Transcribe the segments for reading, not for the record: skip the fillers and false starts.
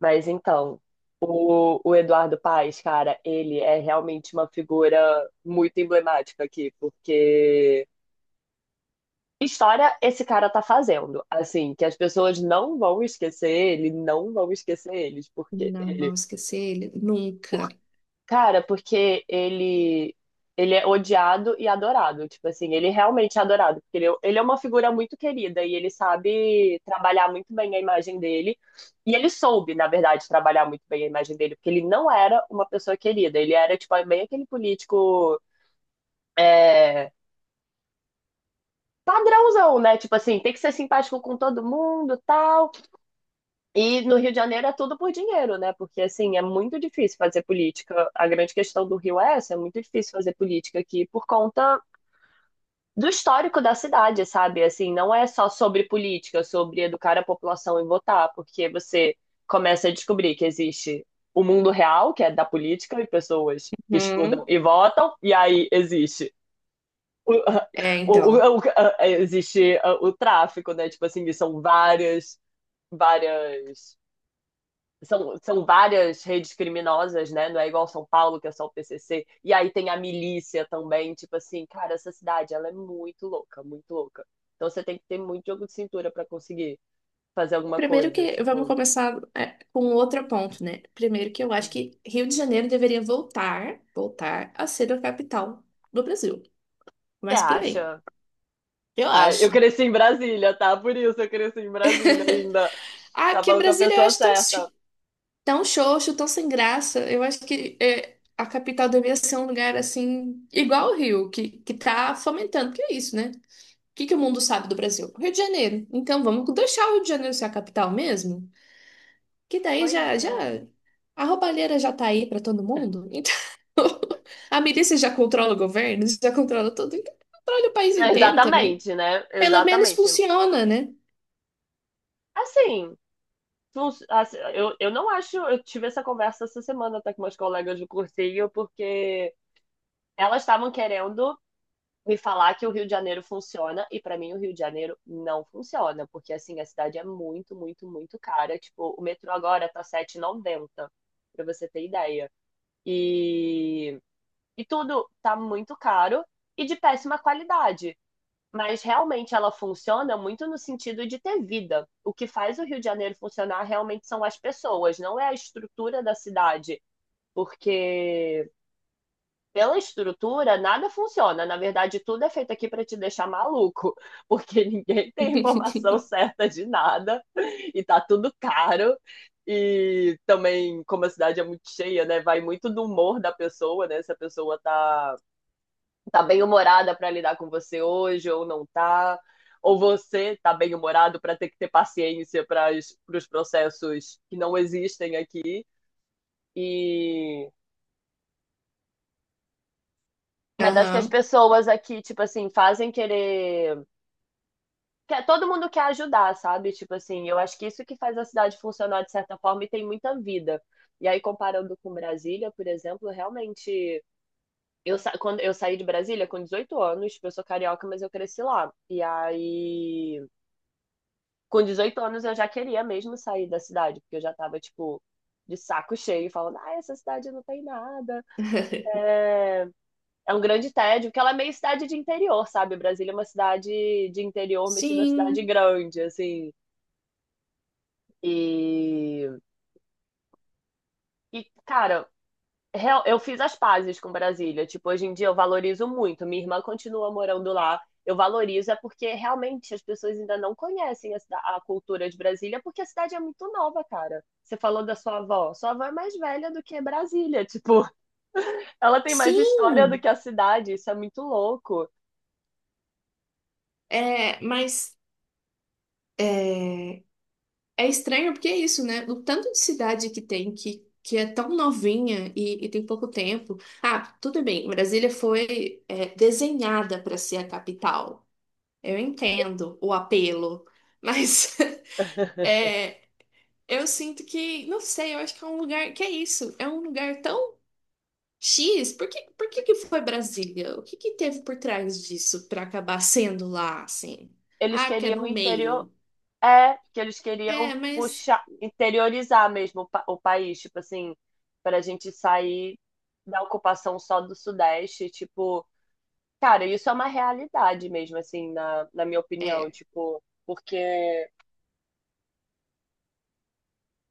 Mas então, o Eduardo Paes, cara, ele é realmente uma figura muito emblemática aqui, porque história esse cara tá fazendo, assim, que as pessoas não vão esquecer ele, não vão esquecer eles. Não vamos esquecer ele nunca. Cara, porque ele é odiado e adorado. Tipo assim, ele realmente é adorado. Porque ele é uma figura muito querida e ele sabe trabalhar muito bem a imagem dele. E ele soube, na verdade, trabalhar muito bem a imagem dele, porque ele não era uma pessoa querida. Ele era, tipo, bem aquele político. é, Padrãozão, né? Tipo assim, tem que ser simpático com todo mundo, tal. E no Rio de Janeiro é tudo por dinheiro, né? Porque, assim, é muito difícil fazer política. A grande questão do Rio é essa, é muito difícil fazer política aqui por conta do histórico da cidade, sabe? Assim, não é só sobre política, sobre educar a população e votar, porque você começa a descobrir que existe o mundo real, que é da política, e pessoas que estudam Uhum. e votam, e aí existe o, É, o, então. o- o- existe o tráfico, né? Tipo assim, várias são várias redes criminosas, né? Não é igual São Paulo, que é só o PCC. E aí tem a milícia também. Tipo assim, cara, essa cidade, ela é muito louca, muito louca. Então você tem que ter muito jogo de cintura para conseguir fazer alguma Primeiro coisa. que vamos Tipo, começar com um outro ponto, né? Primeiro que eu acho que Rio de Janeiro deveria voltar a ser a capital do Brasil. você Mas por aí. acha? Eu Ah, eu acho. cresci em Brasília, tá? Por isso eu cresci em Brasília ainda. Ah, Tá que falando com a Brasília eu pessoa acho tão, certa. Tão xoxo, tão sem graça. Eu acho que a capital deveria ser um lugar assim, igual o Rio, que tá fomentando, que é isso, né? Que o mundo sabe do Brasil? Rio de Janeiro. Então vamos deixar o Rio de Janeiro ser a capital mesmo? Que daí Pois já é. a roubalheira já tá aí pra todo mundo. Então a milícia já controla o governo, já controla tudo, então controla o país É, inteiro também. exatamente, né? Pelo menos Exatamente. funciona, né? Assim, assim, eu não acho. Eu tive essa conversa essa semana até com meus colegas do cursinho, porque elas estavam querendo me falar que o Rio de Janeiro funciona, e pra mim o Rio de Janeiro não funciona, porque assim, a cidade é muito, muito, muito cara. Tipo, o metrô agora tá sete e noventa pra você ter ideia. E, e tudo tá muito caro e de péssima qualidade. Mas realmente ela funciona muito no sentido de ter vida. O que faz o Rio de Janeiro funcionar realmente são as pessoas, não é a estrutura da cidade. Porque pela estrutura nada funciona. Na verdade, tudo é feito aqui para te deixar maluco, porque ninguém tem informação certa de nada e tá tudo caro. E também, como a cidade é muito cheia, né? Vai muito do humor da pessoa, né? Se a pessoa tá bem humorada para lidar com você hoje ou não tá, ou você tá bem humorado para ter que ter paciência para os processos que não existem aqui e, mas acho que as Aham. pessoas aqui, tipo assim, fazem querer. Todo mundo quer ajudar, sabe? Tipo assim, eu acho que isso que faz a cidade funcionar de certa forma e tem muita vida. E aí, comparando com Brasília, por exemplo, realmente. Quando eu saí de Brasília com 18 anos, eu sou carioca, mas eu cresci lá. E aí, com 18 anos eu já queria mesmo sair da cidade, porque eu já tava, tipo, de saco cheio, falando, ah, essa cidade não tem nada. É, é um grande tédio, porque ela é meio cidade de interior, sabe? Brasília é uma cidade de interior metida a cidade Sim. grande, assim. E, e, cara, eu fiz as pazes com Brasília. Tipo, hoje em dia eu valorizo muito. Minha irmã continua morando lá. Eu valorizo é porque realmente as pessoas ainda não conhecem a, a cultura de Brasília, porque a cidade é muito nova, cara. Você falou da sua avó. Sua avó é mais velha do que Brasília. Tipo, ela tem mais história do Sim. que a cidade. Isso é muito louco. É, mas é, é estranho porque é isso, né? O tanto de cidade que tem que é tão novinha e tem pouco tempo. Ah, tudo bem, Brasília foi desenhada para ser a capital. Eu entendo o apelo, mas é, eu sinto que, não sei, eu acho que é um lugar que é isso, é um lugar tão X. Por que que foi Brasília? O que que teve por trás disso para acabar sendo lá, assim? Eles Ah, que é queriam no interior, meio. é, que eles É, queriam mas puxar, interiorizar mesmo o país, tipo assim, para a gente sair da ocupação só do Sudeste, tipo, cara, isso é uma realidade mesmo, assim, na minha opinião, é. tipo, porque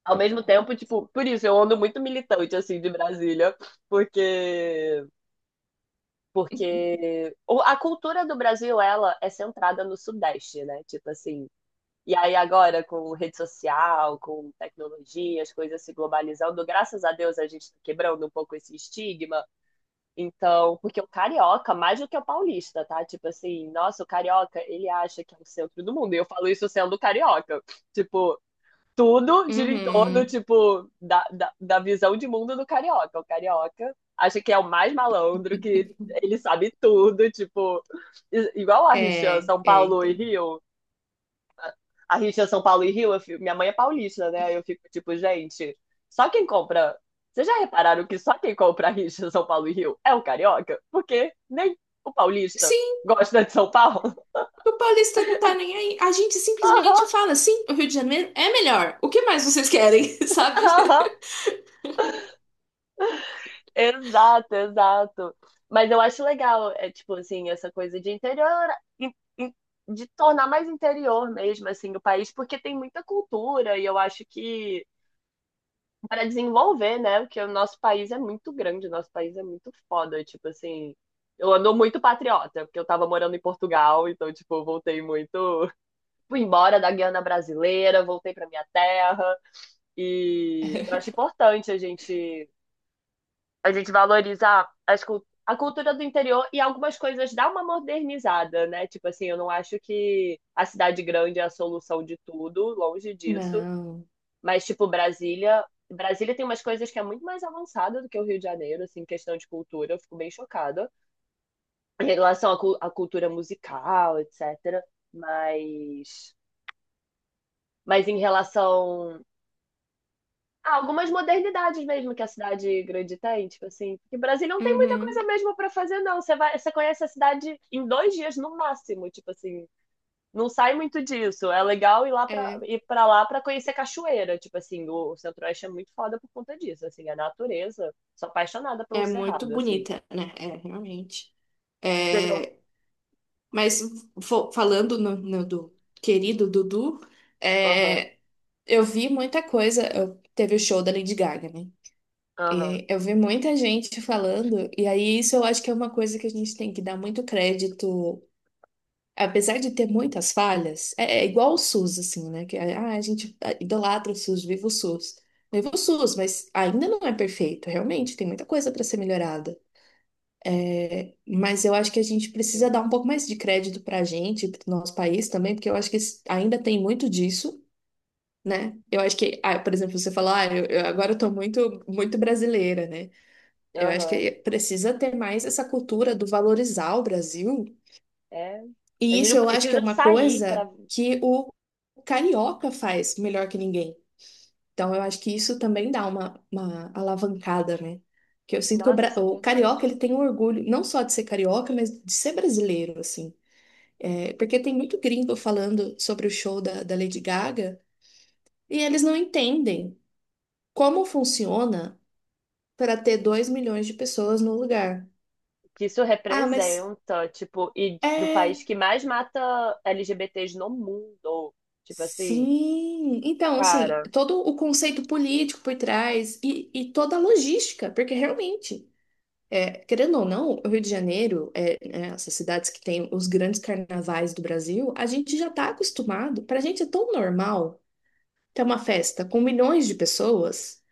ao mesmo tempo, tipo, por isso eu ando muito militante, assim, de Brasília, porque, porque a cultura do Brasil, ela é centrada no Sudeste, né, tipo assim, e aí agora, com rede social, com tecnologia, as coisas se globalizando, graças a Deus a gente tá quebrando um pouco esse estigma. Então, porque o carioca, mais do que o paulista, tá? Tipo assim, nossa, o carioca, ele acha que é o centro do mundo. E eu falo isso sendo carioca. Tipo, tudo gira em torno, Uhum. tipo, da visão de mundo do carioca. O carioca acha que é o mais malandro, que ele sabe tudo, tipo, igual a rixa É, São é, Paulo e entendo. Rio, a rixa São Paulo e Rio, minha mãe é paulista, né? Aí eu fico tipo, gente, só quem compra. Vocês já repararam que só quem compra a rixa São Paulo e Rio é o carioca? Porque nem o paulista Sim, gosta de São Paulo. o paulista não tá nem aí. A gente simplesmente Aham, fala, sim, o Rio de Janeiro é melhor. O que mais vocês querem, sabe? aham. Exato, exato. Mas eu acho legal, é tipo assim, essa coisa de interior, in- de tornar mais interior mesmo, assim, o país, porque tem muita cultura e eu acho que para desenvolver, né? Porque o nosso país é muito grande, o nosso país é muito foda, tipo assim, eu ando muito patriota, porque eu tava morando em Portugal, então, tipo, eu voltei muito. Fui embora da Guiana brasileira, voltei pra minha terra. E eu acho importante a gente valorizar as, a cultura do interior e algumas coisas dar uma modernizada, né? Tipo assim, eu não acho que a cidade grande é a solução de tudo, longe disso. Não. Mas, tipo, Brasília. Brasília tem umas coisas que é muito mais avançada do que o Rio de Janeiro, assim, em questão de cultura. Eu fico bem chocada em relação à, à cultura musical, etc. Mas. Mas em relação a algumas modernidades mesmo que a cidade grande tem, tipo assim, porque Brasília não tem muita coisa Uhum. mesmo para fazer, não. Você vai, você conhece a cidade em 2 dias no máximo, tipo assim, não sai muito disso. É legal ir lá pra, É, ir pra lá pra conhecer cachoeira. Tipo assim, o Centro-Oeste é muito foda por conta disso. Assim, a natureza. Sou apaixonada pelo é muito Cerrado, assim. bonita, né? É, realmente. Seja. É, mas falando no do querido Dudu, Aham, é, eu vi muita coisa. Teve o show da Lady Gaga, né? aham, É, eu vi muita gente falando, e aí isso eu acho que é uma coisa que a gente tem que dar muito crédito. Apesar de ter muitas falhas, é igual o SUS, assim, né? Que é, ah, a gente ah, idolatra o SUS, viva o SUS. Viva o SUS, mas ainda não é perfeito, realmente, tem muita coisa para ser melhorada. Mas eu acho que a gente precisa sim. dar um pouco mais de crédito para a gente, para o nosso país também, porque eu acho que ainda tem muito disso, né? Eu acho que, ah, por exemplo, você fala, ah, eu agora eu tô muito, muito brasileira, né? Eu acho que Aham. precisa ter mais essa cultura do valorizar o Brasil. É. A E gente isso não eu acho que é precisa uma sair coisa pra. que o carioca faz melhor que ninguém. Então eu acho que isso também dá uma alavancada, né? Que eu sinto que Nossa, isso é o verdade. carioca ele tem um orgulho não só de ser carioca, mas de ser brasileiro, assim. É, porque tem muito gringo falando sobre o show da Lady Gaga e eles não entendem como funciona para ter 2 milhões de pessoas no lugar. Que isso Ah, mas representa, tipo, e do país é. que mais mata LGBTs no mundo. Tipo assim, Sim, então, assim, cara. todo o conceito político por trás e toda a logística, porque realmente, é, querendo ou não, o Rio de Janeiro, é, né, essas cidades que têm os grandes carnavais do Brasil, a gente já está acostumado, para a gente é tão normal ter uma festa com milhões de pessoas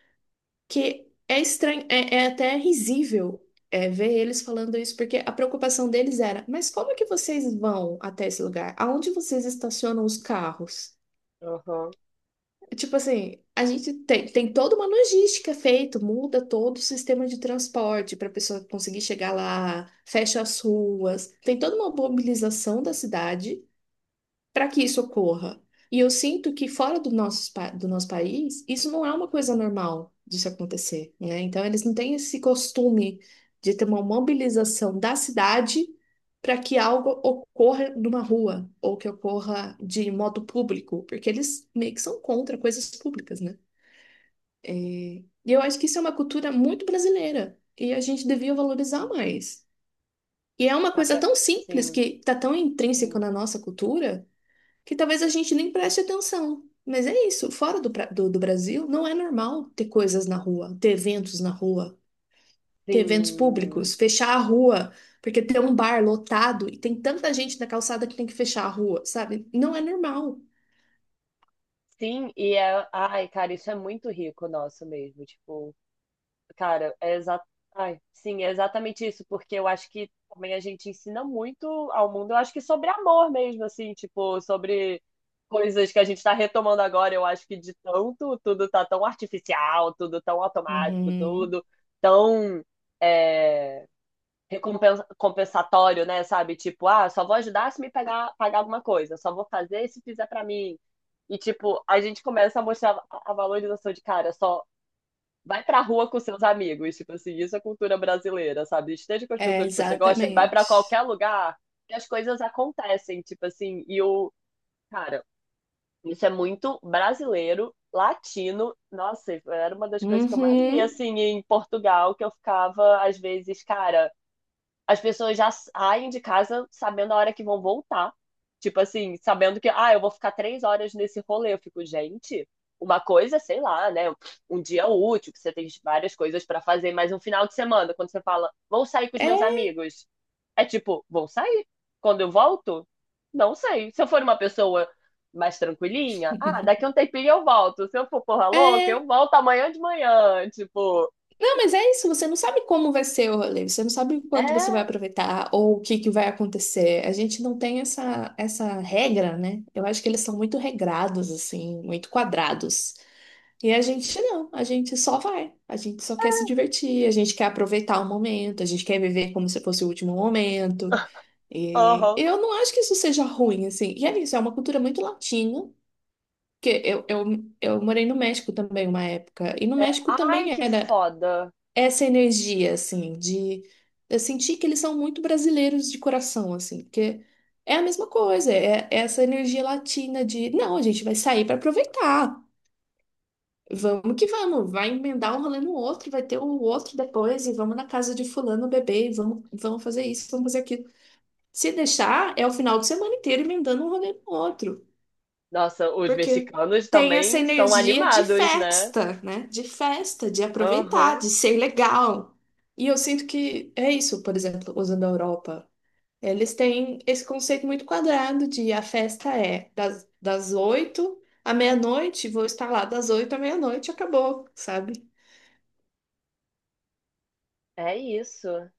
que é estranho, é, é até risível, é, ver eles falando isso, porque a preocupação deles era, mas como é que vocês vão até esse lugar? Aonde vocês estacionam os carros? Aham. Tipo assim, a gente tem, toda uma logística feita, muda todo o sistema de transporte para a pessoa conseguir chegar lá, fecha as ruas, tem toda uma mobilização da cidade para que isso ocorra. E eu sinto que fora do nosso, do nosso país, isso não é uma coisa normal de se acontecer, né? Então, eles não têm esse costume de ter uma mobilização da cidade para que algo ocorra numa rua ou que ocorra de modo público, porque eles meio que são contra coisas públicas, né? E eu acho que isso é uma cultura muito brasileira e a gente devia valorizar mais. E é uma coisa Cara, tão simples que sim, está tão intrínseca sim, na nossa cultura que talvez a gente nem preste atenção. Mas é isso, fora do Brasil, não é normal ter coisas na rua, ter eventos na rua, ter eventos públicos, sim. fechar a rua, porque tem um bar lotado e tem tanta gente na calçada que tem que fechar a rua, sabe? Não é normal. Sim, e é. Ai, cara, isso é muito rico nosso mesmo. Tipo, cara, é exa... Ai, sim, é exatamente isso, porque eu acho que também a gente ensina muito ao mundo, eu acho que sobre amor mesmo, assim, tipo, sobre coisas que a gente tá retomando agora. Eu acho que de tanto, tudo tá tão artificial, tudo tão automático, Uhum. tudo tão. é, compensatório, né? Sabe? Tipo, ah, só vou ajudar se me pagar, pagar alguma coisa, só vou fazer se fizer pra mim. E, tipo, a gente começa a mostrar a valorização de cara, só vai pra rua com seus amigos. Tipo assim, isso é cultura brasileira, sabe? Esteja com as É, pessoas que você gosta, vai pra exatamente. qualquer lugar que as coisas acontecem. Tipo assim, e o. Cara, isso é muito brasileiro, latino. Nossa, era uma das coisas que eu mais via, Uhum. assim, em Portugal, que eu ficava, às vezes, cara, as pessoas já saem de casa sabendo a hora que vão voltar. Tipo assim, sabendo que, ah, eu vou ficar 3 horas nesse rolê. Eu fico, gente, uma coisa, sei lá, né? Um dia útil, que você tem várias coisas pra fazer, mas um final de semana, quando você fala, vou sair com os meus É, amigos, é tipo, vou sair. Quando eu volto, não sei. Se eu for uma pessoa mais tranquilinha, ah, daqui a um tempinho eu volto. Se eu for porra louca, é. eu volto amanhã de manhã. Tipo, Não, mas é isso, você não sabe como vai ser o rolê, você não sabe o quanto você vai é, aproveitar ou o que que vai acontecer. A gente não tem essa regra, né? Eu acho que eles são muito regrados, assim, muito quadrados. E a gente não, a gente só vai, a gente só quer se divertir, a gente quer aproveitar o momento, a gente quer viver como se fosse o último momento. E aham. eu não acho que isso seja ruim, assim. E é isso, é uma cultura muito latina, porque eu morei no México também uma época, e no É, México ai, também que era foda. essa energia, assim, de eu sentir que eles são muito brasileiros de coração, assim, porque é a mesma coisa, é essa energia latina de, não, a gente vai sair para aproveitar. Vamos que vamos, vai emendar um rolê no outro, vai ter um outro depois, e vamos na casa de fulano beber, e vamos, fazer isso, vamos fazer aquilo. Se deixar, é o final de semana inteiro emendando um rolê no outro. Nossa, os Porque mexicanos tem essa também são energia de animados, né? festa, né? De festa, de aproveitar, Aham. de ser legal. E eu sinto que é isso, por exemplo, usando a Europa. Eles têm esse conceito muito quadrado de a festa é das 8 à meia-noite, vou estar lá das 8 à meia-noite, acabou, sabe? É isso.